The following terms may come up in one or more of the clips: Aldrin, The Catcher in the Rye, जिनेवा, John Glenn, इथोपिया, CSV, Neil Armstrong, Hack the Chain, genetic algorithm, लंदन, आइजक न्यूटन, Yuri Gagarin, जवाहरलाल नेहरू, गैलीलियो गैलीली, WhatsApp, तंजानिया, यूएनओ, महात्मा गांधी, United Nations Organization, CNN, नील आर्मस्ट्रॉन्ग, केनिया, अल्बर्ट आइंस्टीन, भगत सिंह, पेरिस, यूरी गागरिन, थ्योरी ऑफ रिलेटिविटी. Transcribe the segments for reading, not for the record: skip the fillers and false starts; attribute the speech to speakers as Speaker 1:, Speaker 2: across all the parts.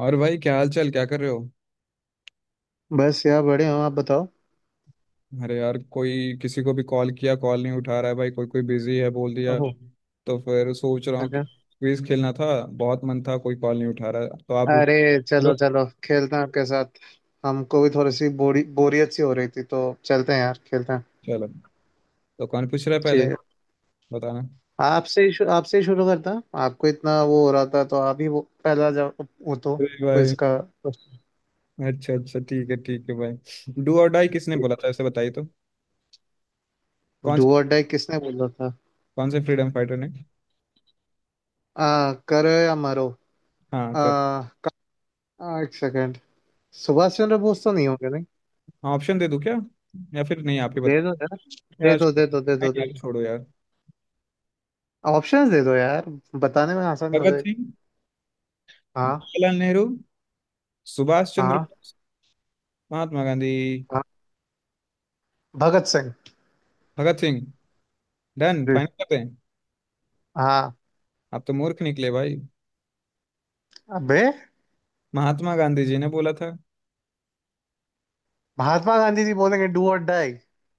Speaker 1: और भाई क्या हाल चाल क्या कर रहे हो।
Speaker 2: बस यार बड़े हो। आप बताओ।
Speaker 1: अरे यार कोई किसी को भी कॉल किया, कॉल नहीं उठा रहा है भाई, कोई कोई बिजी है बोल दिया।
Speaker 2: ओहो।
Speaker 1: तो फिर सोच रहा हूँ कि
Speaker 2: अच्छा।
Speaker 1: क्विज खेलना था, बहुत मन था, कोई कॉल नहीं उठा रहा है। तो आप
Speaker 2: अरे,
Speaker 1: उठ चलो।
Speaker 2: चलो चलो खेलते हैं आपके साथ। हमको भी थोड़ी सी बोरी बोरियत सी हो रही थी, तो चलते हैं यार, खेलते हैं।
Speaker 1: चलो, तो कौन पूछ रहा है पहले,
Speaker 2: ठीक है।
Speaker 1: बताना।
Speaker 2: आपसे ही शुरू करता हूँ। आपको इतना वो हो रहा था, तो आप ही वो पहला जवाब वो तो।
Speaker 1: अरे
Speaker 2: क्विज
Speaker 1: भाई,
Speaker 2: का।
Speaker 1: अच्छा अच्छा, ठीक है भाई, डू और डाई किसने बोला था, ऐसे बताइए तो। कौन से
Speaker 2: डू और डाई किसने बोला था।
Speaker 1: कौन से फ्रीडम फाइटर ने।
Speaker 2: करो या मरो।
Speaker 1: हाँ
Speaker 2: आ,
Speaker 1: कर
Speaker 2: क- एक सेकेंड। सुभाष चंद्र बोस तो नहीं होंगे नहीं।
Speaker 1: हाँ, ऑप्शन दे दूँ क्या? या फिर नहीं, आप ही
Speaker 2: दे दो
Speaker 1: बताइए।
Speaker 2: यार। दे
Speaker 1: यार
Speaker 2: दो,
Speaker 1: छोड़ो,
Speaker 2: दे दो, दे दो,
Speaker 1: नहीं
Speaker 2: दे
Speaker 1: यार
Speaker 2: दो।
Speaker 1: छोड़ो यार।
Speaker 2: ऑप्शंस दे दो यार, बताने में आसानी हो।
Speaker 1: भगत सिंह,
Speaker 2: हाँ।
Speaker 1: जवाहरलाल नेहरू, सुभाष चंद्र
Speaker 2: हाँ।
Speaker 1: बोस, महात्मा गांधी।
Speaker 2: हाँ, भगत सिंह।
Speaker 1: भगत सिंह? डन,
Speaker 2: जी।
Speaker 1: फाइनल करते हैं।
Speaker 2: हाँ।
Speaker 1: आप तो मूर्ख निकले भाई।
Speaker 2: अबे।
Speaker 1: महात्मा गांधी जी ने बोला था।
Speaker 2: महात्मा गांधी जी बोलेंगे डू और डाई?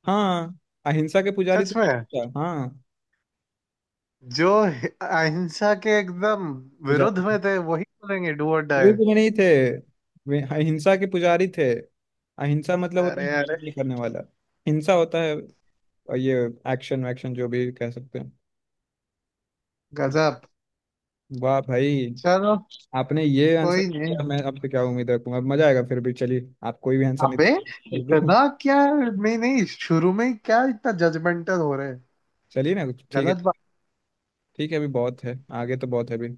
Speaker 1: हाँ, अहिंसा के पुजारी तो
Speaker 2: सच में।
Speaker 1: क्या, हाँ
Speaker 2: जो अहिंसा के एकदम विरुद्ध में
Speaker 1: पुजारी।
Speaker 2: थे, वही बोलेंगे डू और डाई।
Speaker 1: शुरू में नहीं थे, वे अहिंसा के पुजारी थे। अहिंसा मतलब होता है
Speaker 2: अरे
Speaker 1: हिंसा
Speaker 2: अरे।
Speaker 1: नहीं करने वाला। हिंसा होता है, और ये एक्शन वैक्शन जो भी कह सकते हैं।
Speaker 2: गजब।
Speaker 1: वाह भाई,
Speaker 2: चलो।
Speaker 1: आपने ये आंसर
Speaker 2: कोई नहीं।
Speaker 1: दिया, मैं आपसे क्या उम्मीद रखूंगा, अब मजा आएगा। फिर भी चलिए, आप कोई भी आंसर नहीं।
Speaker 2: अबे।
Speaker 1: चलिए,
Speaker 2: इतना। क्या नहीं नहीं, शुरू में ही क्या इतना जजमेंटल हो रहे हैं।
Speaker 1: चलिए ना कुछ ठीक है।
Speaker 2: गलत बात।
Speaker 1: ठीक है, अभी बहुत है, आगे तो बहुत है अभी।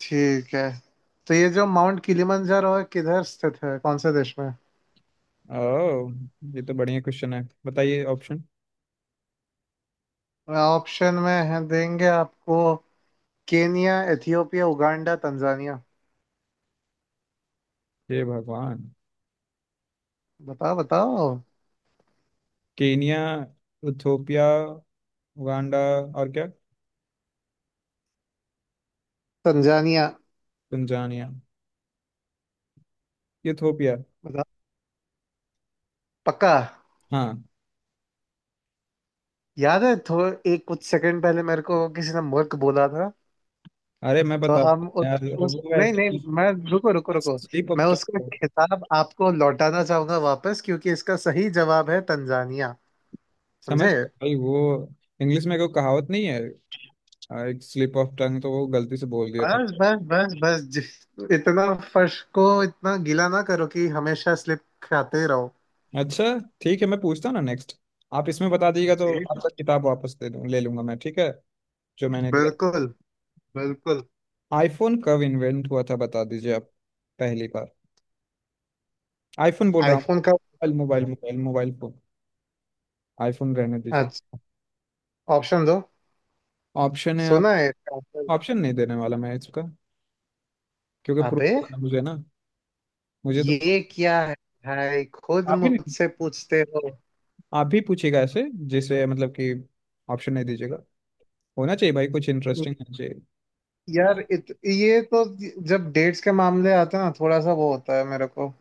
Speaker 2: ठीक है। तो ये जो माउंट किलिमंजारो है, किधर स्थित है, कौन से देश में?
Speaker 1: ओह, ये तो बढ़िया क्वेश्चन है, बताइए ऑप्शन।
Speaker 2: ऑप्शन में है, देंगे आपको। केनिया, Ethiopia, Uganda, तंजानिया।
Speaker 1: हे भगवान।
Speaker 2: बताओ बताओ।
Speaker 1: केनिया, इथोपिया, उगांडा, और क्या?
Speaker 2: तंजानिया।
Speaker 1: तंजानिया। इथोपिया।
Speaker 2: बताओ। पक्का?
Speaker 1: हाँ।
Speaker 2: याद है थोड़ा, एक कुछ सेकंड पहले मेरे को किसी ने मुल्क बोला था।
Speaker 1: अरे मैं
Speaker 2: तो
Speaker 1: बताता
Speaker 2: हम
Speaker 1: हूँ
Speaker 2: उस,
Speaker 1: यार,
Speaker 2: उस
Speaker 1: वो
Speaker 2: नहीं नहीं।
Speaker 1: ऐसे
Speaker 2: मैं। रुको रुको रुको।
Speaker 1: स्लिप
Speaker 2: मैं
Speaker 1: ऑफ
Speaker 2: उसका
Speaker 1: टंग।
Speaker 2: खिताब आपको लौटाना चाहूंगा वापस, क्योंकि इसका सही जवाब है तंजानिया।
Speaker 1: समझ
Speaker 2: समझे।
Speaker 1: भाई, वो इंग्लिश में कोई कहावत नहीं है, एक स्लिप ऑफ टंग, तो वो गलती से बोल दिया था।
Speaker 2: बस बस बस बस इतना। फर्श को इतना गीला ना करो कि हमेशा स्लिप खाते रहो।
Speaker 1: अच्छा ठीक है, मैं पूछता हूँ ना नेक्स्ट। आप इसमें बता दीजिएगा तो
Speaker 2: जी।
Speaker 1: आपका किताब वापस दे दूँ, ले लूंगा मैं ठीक है, जो मैंने दिया।
Speaker 2: बिल्कुल बिल्कुल।
Speaker 1: आईफोन कब इन्वेंट हुआ था, बता दीजिए आप, पहली बार। आईफोन बोल रहा हूँ,
Speaker 2: आईफोन का।
Speaker 1: Mobile mobile mobile mobile phone. IPhone रहने दीजिए।
Speaker 2: अच्छा। ऑप्शन दो।
Speaker 1: ऑप्शन है आप?
Speaker 2: सुना है इसका आंसर?
Speaker 1: ऑप्शन नहीं देने वाला मैं इसका, क्योंकि प्रूफ
Speaker 2: अबे।
Speaker 1: करना मुझे ना, मुझे तो।
Speaker 2: ये क्या है। भाई खुद
Speaker 1: आप ही नहीं
Speaker 2: मुझसे पूछते हो।
Speaker 1: आप ही पूछिएगा ऐसे, जैसे मतलब कि ऑप्शन नहीं दीजिएगा। होना चाहिए भाई, कुछ इंटरेस्टिंग होना चाहिए।
Speaker 2: यार ये तो, जब डेट्स के मामले आते हैं ना, थोड़ा सा वो होता है मेरे को।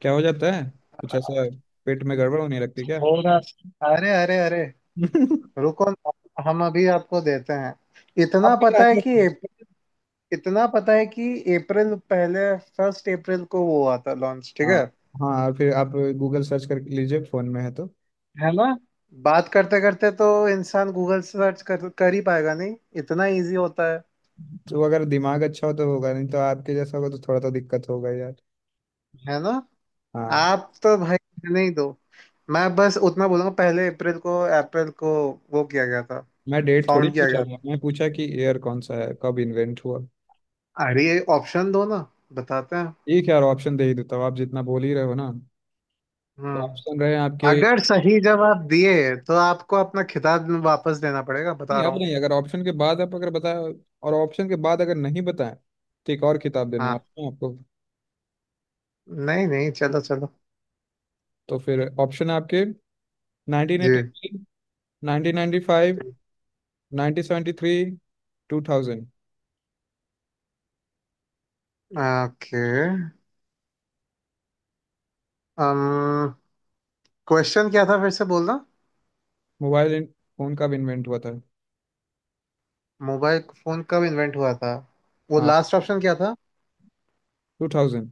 Speaker 1: क्या हो जाता है कुछ ऐसा, पेट में गड़बड़ होने लगती क्या?
Speaker 2: थोड़ा। अरे अरे अरे। रुको ना, हम अभी आपको देते हैं। इतना
Speaker 1: आप क्या
Speaker 2: पता है
Speaker 1: आंसर?
Speaker 2: कि एप- इतना पता है कि अप्रैल पहले, फर्स्ट अप्रैल को वो हुआ था लॉन्च। ठीक
Speaker 1: हाँ।
Speaker 2: है।
Speaker 1: हाँ, और फिर आप गूगल सर्च कर लीजिए, फोन में है तो।
Speaker 2: है ना। बात करते करते तो इंसान गूगल सर्च कर ही पाएगा नहीं। इतना इजी होता है।
Speaker 1: तो अगर दिमाग अच्छा हो तो होगा, नहीं तो आपके जैसा होगा तो थोड़ा तो दिक्कत होगा यार।
Speaker 2: है ना।
Speaker 1: हाँ,
Speaker 2: आप तो भाई रहने ही दो। मैं बस उतना बोलूंगा, पहले अप्रैल को, अप्रैल को वो किया गया था।
Speaker 1: मैं डेट थोड़ी
Speaker 2: फाउंड किया
Speaker 1: पूछा
Speaker 2: गया
Speaker 1: था, मैं
Speaker 2: था।
Speaker 1: पूछा कि ईयर कौन सा है, कब इन्वेंट हुआ।
Speaker 2: अरे ये ऑप्शन दो ना। बताते हैं।
Speaker 1: ठीक है यार, ऑप्शन दे ही देता हूँ, आप जितना बोल ही रहे हो ना। तो ऑप्शन
Speaker 2: हम्म।
Speaker 1: रहे आपके।
Speaker 2: अगर सही जवाब दिए तो आपको अपना खिताब वापस देना पड़ेगा, बता
Speaker 1: नहीं,
Speaker 2: रहा
Speaker 1: अब
Speaker 2: हूँ।
Speaker 1: नहीं, अगर ऑप्शन के बाद आप अगर बताए, और ऑप्शन के बाद अगर नहीं बताएं तो एक और किताब देने
Speaker 2: हाँ।
Speaker 1: वाला हूँ आपको।
Speaker 2: नहीं नहीं, चलो चलो।
Speaker 1: तो फिर ऑप्शन है आपके, नाइनटीन
Speaker 2: जी।
Speaker 1: Eighty three, nineteen ninety five, nineteen seventy three, two thousand.
Speaker 2: Okay. Um question क्या था, फिर से बोलना।
Speaker 1: मोबाइल इन- फोन कब इन्वेंट हुआ था।
Speaker 2: मोबाइल फोन कब इन्वेंट हुआ था? वो
Speaker 1: हाँ,
Speaker 2: लास्ट ऑप्शन क्या था?
Speaker 1: Two thousand.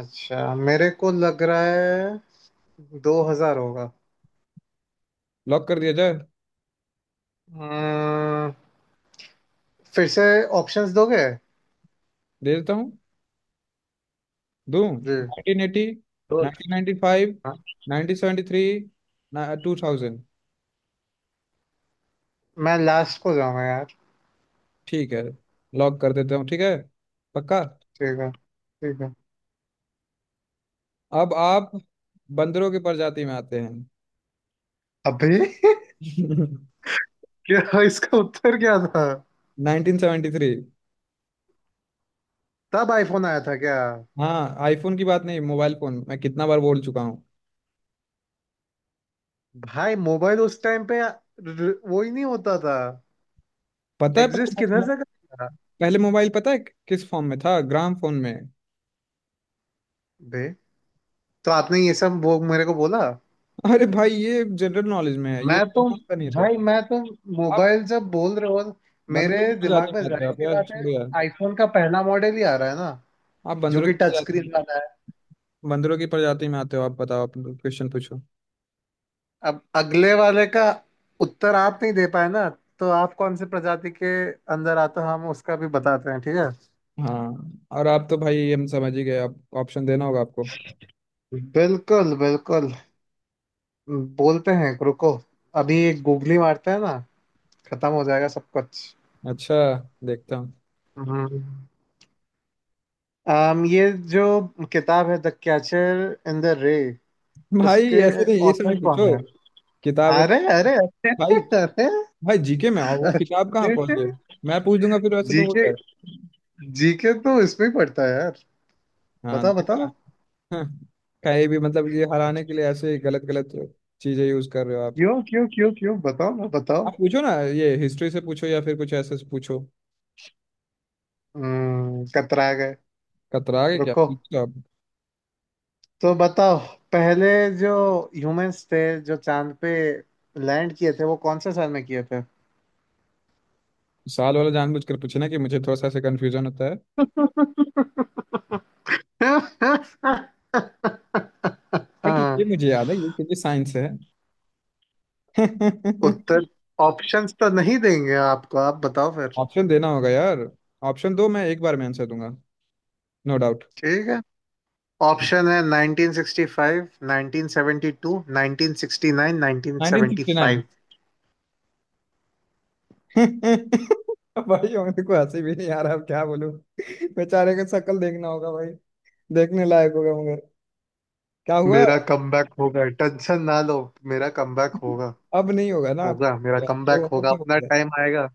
Speaker 2: अच्छा, मेरे को लग रहा है 2000 होगा।
Speaker 1: लॉक कर दिया जाए?
Speaker 2: अम्म, फिर से ऑप्शंस दोगे।
Speaker 1: दे देता हूँ, दूं।
Speaker 2: जी।
Speaker 1: 1980,
Speaker 2: तो।
Speaker 1: 1995,
Speaker 2: हाँ।
Speaker 1: 1973, 2000।
Speaker 2: मैं लास्ट को जाऊंगा यार।
Speaker 1: ठीक है, लॉक कर देता हूँ ठीक है, पक्का।
Speaker 2: ठीक है ठीक है।
Speaker 1: अब आप बंदरों की प्रजाति में आते हैं।
Speaker 2: अभी। क्या, इसका उत्तर क्या था?
Speaker 1: 1973।
Speaker 2: तब आईफोन आया था क्या?
Speaker 1: हाँ, आईफोन की बात नहीं, मोबाइल फोन मैं कितना बार बोल चुका हूँ।
Speaker 2: भाई मोबाइल उस टाइम पे वो ही नहीं होता था।
Speaker 1: पता है
Speaker 2: एग्जिस्ट किधर
Speaker 1: पहले,
Speaker 2: से करता था।
Speaker 1: पहले मोबाइल पता है किस फॉर्म में था? ग्राम फोन में।
Speaker 2: बे। तो आपने ये सब वो मेरे को बोला।
Speaker 1: अरे भाई, ये जनरल नॉलेज में है, ये
Speaker 2: मैं तो।
Speaker 1: पता नहीं था।
Speaker 2: भाई मैं तो।
Speaker 1: आप
Speaker 2: मोबाइल जब बोल रहे हो, मेरे
Speaker 1: बंदरों की प्रजाति
Speaker 2: दिमाग में
Speaker 1: में आते हो
Speaker 2: जाहिर
Speaker 1: आप,
Speaker 2: सी
Speaker 1: यार
Speaker 2: बात है
Speaker 1: छोड़ो यार।
Speaker 2: आईफोन का पहला मॉडल ही आ रहा है ना,
Speaker 1: आप
Speaker 2: जो
Speaker 1: बंदरों
Speaker 2: कि
Speaker 1: की
Speaker 2: टच
Speaker 1: प्रजाति,
Speaker 2: स्क्रीन वाला है।
Speaker 1: बंदरों की प्रजाति में आते हो आप। बताओ, आप क्वेश्चन पूछो।
Speaker 2: अब अगले वाले का उत्तर आप नहीं दे पाए ना, तो आप कौन से प्रजाति के अंदर आते हो हम उसका भी बताते हैं, ठीक है।
Speaker 1: हाँ, और आप तो भाई हम समझ ही गए, आप ऑप्शन देना होगा आपको।
Speaker 2: बिल्कुल बिल्कुल। बोलते हैं, रुको। अभी एक गूगली मारते हैं ना, खत्म हो जाएगा सब कुछ।
Speaker 1: अच्छा, देखता हूँ।
Speaker 2: हम्म। ये जो किताब है, द कैचर इन द रे,
Speaker 1: भाई
Speaker 2: उसके
Speaker 1: ऐसे नहीं, ये सब
Speaker 2: ऑथर
Speaker 1: नहीं पूछो।
Speaker 2: कौन है?
Speaker 1: किताब है
Speaker 2: अरे
Speaker 1: तो-
Speaker 2: अरे अरे।
Speaker 1: भाई।
Speaker 2: अरे।
Speaker 1: भाई जीके में आओ, वो
Speaker 2: अरे।
Speaker 1: किताब कहाँ पहुंच गए। मैं पूछ दूंगा फिर, वैसे तो हो
Speaker 2: जीके।
Speaker 1: जाए।
Speaker 2: जीके तो इसमें ही पड़ता है यार।
Speaker 1: हाँ
Speaker 2: बताओ
Speaker 1: देखा।
Speaker 2: बताओ।
Speaker 1: हाँ, कहीं भी, मतलब ये हराने के लिए ऐसे ही गलत गलत चीजें यूज कर रहे हो आप।
Speaker 2: क्यों क्यों क्यों क्यों, बताओ ना बताओ।
Speaker 1: आप पूछो ना, ये हिस्ट्री से पूछो, या फिर कुछ ऐसे से पूछो।
Speaker 2: हम्म, कतरा गए।
Speaker 1: कतरा के क्या
Speaker 2: रुको।
Speaker 1: पूछो आप।
Speaker 2: तो बताओ, पहले जो ह्यूमंस थे जो चांद पे लैंड किए थे, वो कौन से साल में किए थे।
Speaker 1: साल वाला जानबूझकर पूछना कि मुझे थोड़ा सा ऐसे कंफ्यूजन होता है, बट ये
Speaker 2: हाँ।
Speaker 1: मुझे याद है, यूकेजी साइंस है।
Speaker 2: उत्तर। ऑप्शंस तो नहीं देंगे आपको, आप बताओ फिर।
Speaker 1: ऑप्शन देना होगा यार। ऑप्शन दो, मैं एक बार में आंसर दूंगा, नो डाउट।
Speaker 2: ठीक है। ऑप्शन है 1965, 1972, 1969,
Speaker 1: 1969।
Speaker 2: 1975।
Speaker 1: भाई मेरे को हंसी भी नहीं आ रहा, अब क्या बोलूं। बेचारे का शक्ल देखना होगा भाई, देखने लायक होगा मगर। क्या हुआ?
Speaker 2: मेरा कमबैक होगा, टेंशन ना लो। मेरा कमबैक होगा।
Speaker 1: अब नहीं होगा ना अब।
Speaker 2: होगा, मेरा
Speaker 1: जो
Speaker 2: कमबैक
Speaker 1: होना
Speaker 2: होगा,
Speaker 1: था हो
Speaker 2: अपना
Speaker 1: गया।
Speaker 2: टाइम आएगा।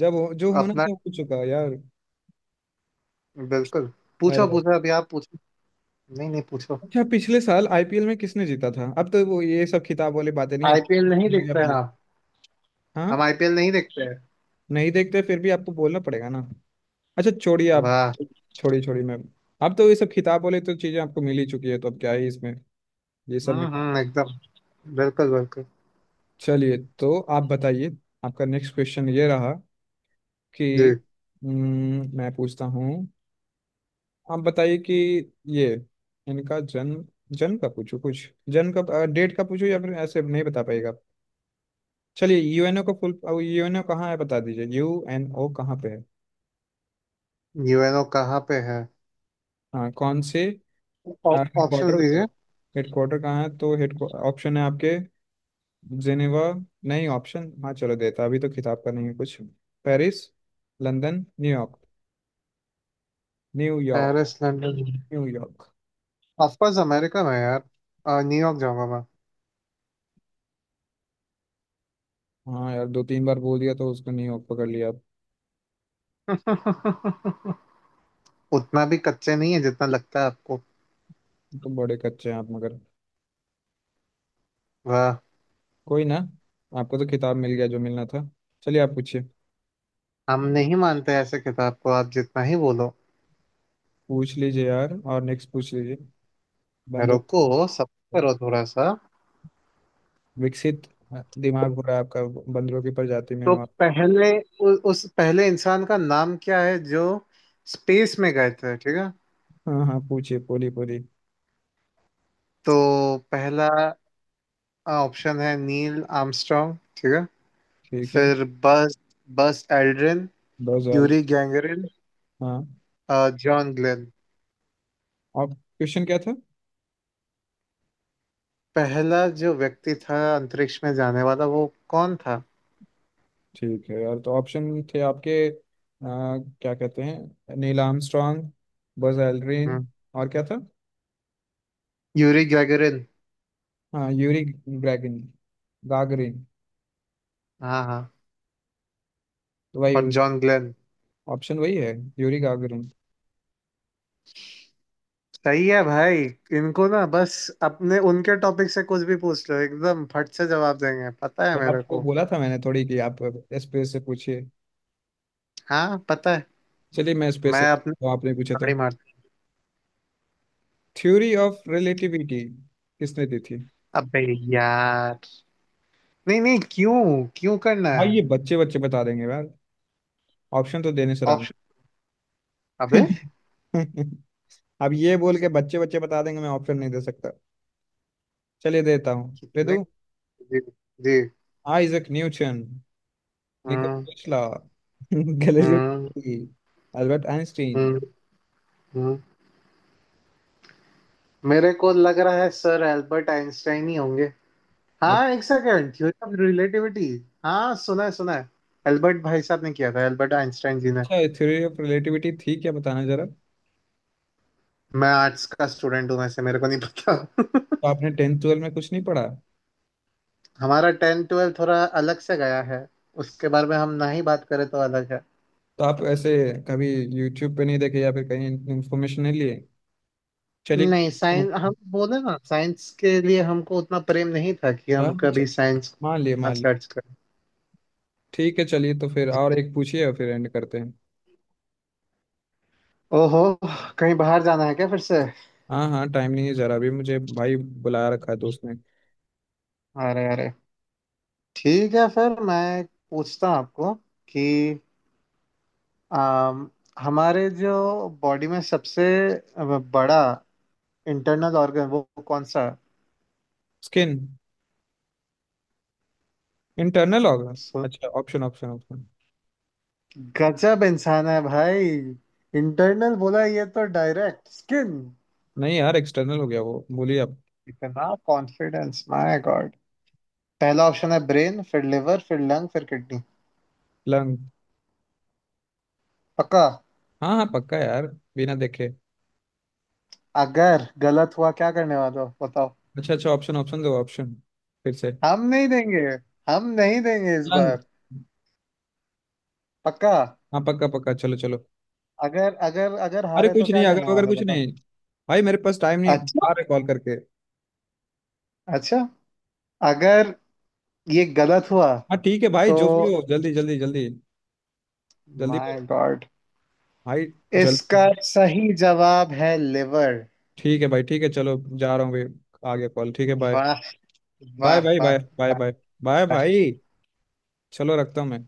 Speaker 1: जो होना
Speaker 2: अपना।
Speaker 1: था हो चुका यार।
Speaker 2: बिल्कुल। पूछो
Speaker 1: अरे।
Speaker 2: पूछो, अभी आप पूछो। नहीं नहीं, पूछो।
Speaker 1: अच्छा, पिछले साल आईपीएल में किसने जीता था? अब तो वो ये सब खिताब वाली बातें नहीं अब।
Speaker 2: आईपीएल नहीं
Speaker 1: मीडिया
Speaker 2: देखते हैं
Speaker 1: वाले।
Speaker 2: आप।
Speaker 1: हाँ,
Speaker 2: हम आईपीएल नहीं देखते हैं।
Speaker 1: नहीं देखते फिर भी आपको बोलना पड़ेगा ना। अच्छा छोड़िए आप,
Speaker 2: वाह।
Speaker 1: छोड़िए छोड़िए मैम। अब तो ये सब खिताब वाले तो चीज़ें आपको मिल ही चुकी है, तो अब क्या ही इसमें, ये सब में।
Speaker 2: हम्म, एकदम बिल्कुल बिल्कुल।
Speaker 1: चलिए तो आप बताइए। आपका नेक्स्ट क्वेश्चन ये रहा कि,
Speaker 2: जी।
Speaker 1: मैं पूछता हूँ, आप बताइए कि ये इनका जन्म, जन्म का पूछूं, कुछ जन्म का डेट का पूछूं, या फिर ऐसे नहीं बता पाएगा आप? चलिए, यूएनओ का फुल, यूएनओ कहाँ है बता दीजिए, यूएनओ कहाँ पे है।
Speaker 2: यूएनओ कहाँ पे है?
Speaker 1: हाँ, कौन से हेडक्वार्टर
Speaker 2: ऑप्शंस
Speaker 1: उसका,
Speaker 2: दीजिए।
Speaker 1: हेडक्वार्टर कहाँ है? तो हेड ऑप्शन है आपके, जिनेवा, नहीं ऑप्शन, हाँ चलो देता, अभी तो किताब का नहीं है कुछ। पेरिस, लंदन, New York. New York.
Speaker 2: पेरिस, लंदन।
Speaker 1: New York.
Speaker 2: Of course America में है यार। न्यूयॉर्क जाऊंगा मैं।
Speaker 1: हाँ यार, दो तीन बार बोल दिया तो उसको न्यूयॉर्क पकड़ लिया आप।
Speaker 2: उतना भी कच्चे नहीं है जितना लगता है आपको।
Speaker 1: तो बड़े कच्चे हैं आप मगर,
Speaker 2: वाह।
Speaker 1: कोई ना। आपको तो किताब मिल गया, जो मिलना था। चलिए आप पूछिए।
Speaker 2: हम नहीं मानते ऐसे किताब को, आप जितना ही बोलो।
Speaker 1: पूछ लीजिए यार, और नेक्स्ट पूछ लीजिए। बंदर।
Speaker 2: रुको सब, करो थोड़ा सा।
Speaker 1: विकसित दिमाग हो रहा है आपका, बंदरों की प्रजाति में।
Speaker 2: तो
Speaker 1: और
Speaker 2: पहले उस पहले इंसान का नाम क्या है जो स्पेस में गए थे, ठीक है।
Speaker 1: हाँ हाँ, पूछिए पूरी पूरी।
Speaker 2: तो पहला ऑप्शन है नील आर्मस्ट्रांग, ठीक है।
Speaker 1: ठीक है,
Speaker 2: फिर बस, बस एल्ड्रिन,
Speaker 1: दो सवाल।
Speaker 2: यूरी गैंगरिन,
Speaker 1: हाँ,
Speaker 2: जॉन ग्लेन।
Speaker 1: और क्वेश्चन क्या था?
Speaker 2: पहला जो व्यक्ति था अंतरिक्ष में जाने वाला वो कौन था।
Speaker 1: ठीक है यार, तो ऑप्शन थे आपके, क्या कहते हैं, नील आर्मस्ट्रॉन्ग, बज एल्ड्रिन,
Speaker 2: हम्म।
Speaker 1: और क्या था?
Speaker 2: Yuri Gagarin.
Speaker 1: हाँ, यूरी ग्रैगिन, गागरिन,
Speaker 2: हाँ हाँ।
Speaker 1: तो वही
Speaker 2: और जॉन ग्लेन।
Speaker 1: ऑप्शन वही है, यूरी गागरिन।
Speaker 2: सही है भाई। इनको ना बस अपने उनके टॉपिक से कुछ भी पूछ लो, एकदम फट से जवाब देंगे, पता है
Speaker 1: तो
Speaker 2: मेरे
Speaker 1: आपको
Speaker 2: को।
Speaker 1: बोला था मैंने थोड़ी कि आप स्पेस से पूछिए।
Speaker 2: हाँ पता है।
Speaker 1: चलिए, मैं स्पेस से
Speaker 2: मैं अपने
Speaker 1: तो आपने पूछा था।
Speaker 2: गाड़ी मारता।
Speaker 1: थ्योरी ऑफ रिलेटिविटी किसने दी थी?
Speaker 2: अबे यार, नहीं नहीं, क्यों, क्यों करना
Speaker 1: भाई
Speaker 2: है।
Speaker 1: ये बच्चे बच्चे बता देंगे यार, ऑप्शन तो देने से राम।
Speaker 2: ऑप्शन। अबे।
Speaker 1: अब ये बोल के बच्चे बच्चे बता देंगे, मैं ऑप्शन नहीं दे सकता। चलिए देता हूँ, दे
Speaker 2: कितने।
Speaker 1: दूँ।
Speaker 2: जी। जी।
Speaker 1: आइजक न्यूटन, निकोला
Speaker 2: हम्म।
Speaker 1: टेस्ला, गैलीलियो
Speaker 2: हम्म।
Speaker 1: Galilei, अल्बर्ट आइंस्टीन।
Speaker 2: हम्म। हम्म। मेरे को लग रहा है सर एल्बर्ट आइंस्टाइन ही होंगे। हाँ एक सेकेंड, थ्योरी ऑफ रिलेटिविटी। हाँ सुना है सुना है। एल्बर्ट भाई साहब ने किया था, एल्बर्ट आइंस्टाइन जी ने।
Speaker 1: अच्छा, थ्योरी ऑफ रिलेटिविटी थी क्या, बताना जरा तो।
Speaker 2: मैं आर्ट्स का स्टूडेंट हूँ वैसे, मेरे को नहीं पता।
Speaker 1: आपने टेंथ ट्वेल्व में कुछ नहीं पढ़ा?
Speaker 2: हमारा टेन ट्वेल्व थोड़ा अलग से गया है, उसके बारे में हम ना ही बात करें तो अलग है।
Speaker 1: तो आप ऐसे कभी यूट्यूब पे नहीं देखे, या फिर कहीं इन्फॉर्मेशन नहीं लिए? चलिए।
Speaker 2: नहीं साइंस, हम बोले ना साइंस के लिए हमको उतना प्रेम नहीं था कि
Speaker 1: हाँ,
Speaker 2: हम कभी
Speaker 1: चल-
Speaker 2: साइंस
Speaker 1: मान लिए, मान लिए।
Speaker 2: सर्च करें।
Speaker 1: ठीक है चलिए, तो फिर और एक पूछिए, और फिर एंड करते हैं।
Speaker 2: ओहो, कहीं बाहर जाना है क्या फिर से?
Speaker 1: हाँ हाँ, टाइम नहीं है जरा भी मुझे भाई, बुलाया रखा है दोस्त ने।
Speaker 2: अरे अरे। ठीक है, फिर मैं पूछता हूँ आपको कि आम, हमारे जो बॉडी में सबसे बड़ा इंटरनल ऑर्गन वो कौन सा
Speaker 1: स्किन। इंटरनल होगा?
Speaker 2: है?
Speaker 1: अच्छा, ऑप्शन ऑप्शन ऑप्शन।
Speaker 2: गजब इंसान है भाई। इंटरनल बोला, ये तो डायरेक्ट स्किन।
Speaker 1: नहीं यार, एक्सटर्नल हो गया वो, बोलिए आप।
Speaker 2: इतना कॉन्फिडेंस, माय गॉड। पहला ऑप्शन है ब्रेन, फिर लिवर, फिर लंग, फिर किडनी।
Speaker 1: लंग।
Speaker 2: पक्का?
Speaker 1: हाँ हाँ, पक्का यार, बिना देखे।
Speaker 2: अगर गलत हुआ क्या करने वाले हो बताओ।
Speaker 1: अच्छा अच्छा, ऑप्शन ऑप्शन दो ऑप्शन, फिर से।
Speaker 2: हम नहीं देंगे। हम नहीं देंगे इस
Speaker 1: लंग।
Speaker 2: बार। पक्का?
Speaker 1: हाँ पक्का पक्का, चलो चलो।
Speaker 2: अगर अगर अगर
Speaker 1: अरे
Speaker 2: हारे तो
Speaker 1: कुछ नहीं,
Speaker 2: क्या करने
Speaker 1: अगर अगर
Speaker 2: वाले हो
Speaker 1: कुछ
Speaker 2: बताओ।
Speaker 1: नहीं, भाई मेरे पास टाइम नहीं है,
Speaker 2: अच्छा।
Speaker 1: आ रहा कॉल करके।
Speaker 2: अच्छा। अगर ये गलत हुआ
Speaker 1: हाँ ठीक है भाई,
Speaker 2: तो।
Speaker 1: जो भी हो, जल्दी जल्दी जल्दी, जल्दी
Speaker 2: माय
Speaker 1: करो
Speaker 2: गॉड।
Speaker 1: भाई। जल
Speaker 2: इसका सही जवाब है लिवर।
Speaker 1: ठीक है भाई, ठीक है, चलो जा रहा हूँ भाई, आगे कॉल, ठीक है बाय।
Speaker 2: वाह।
Speaker 1: बाय
Speaker 2: वाह
Speaker 1: भाई, बाय
Speaker 2: वाह
Speaker 1: बाय
Speaker 2: वाह।
Speaker 1: बाय। बाय भाई, चलो रखता हूँ मैं।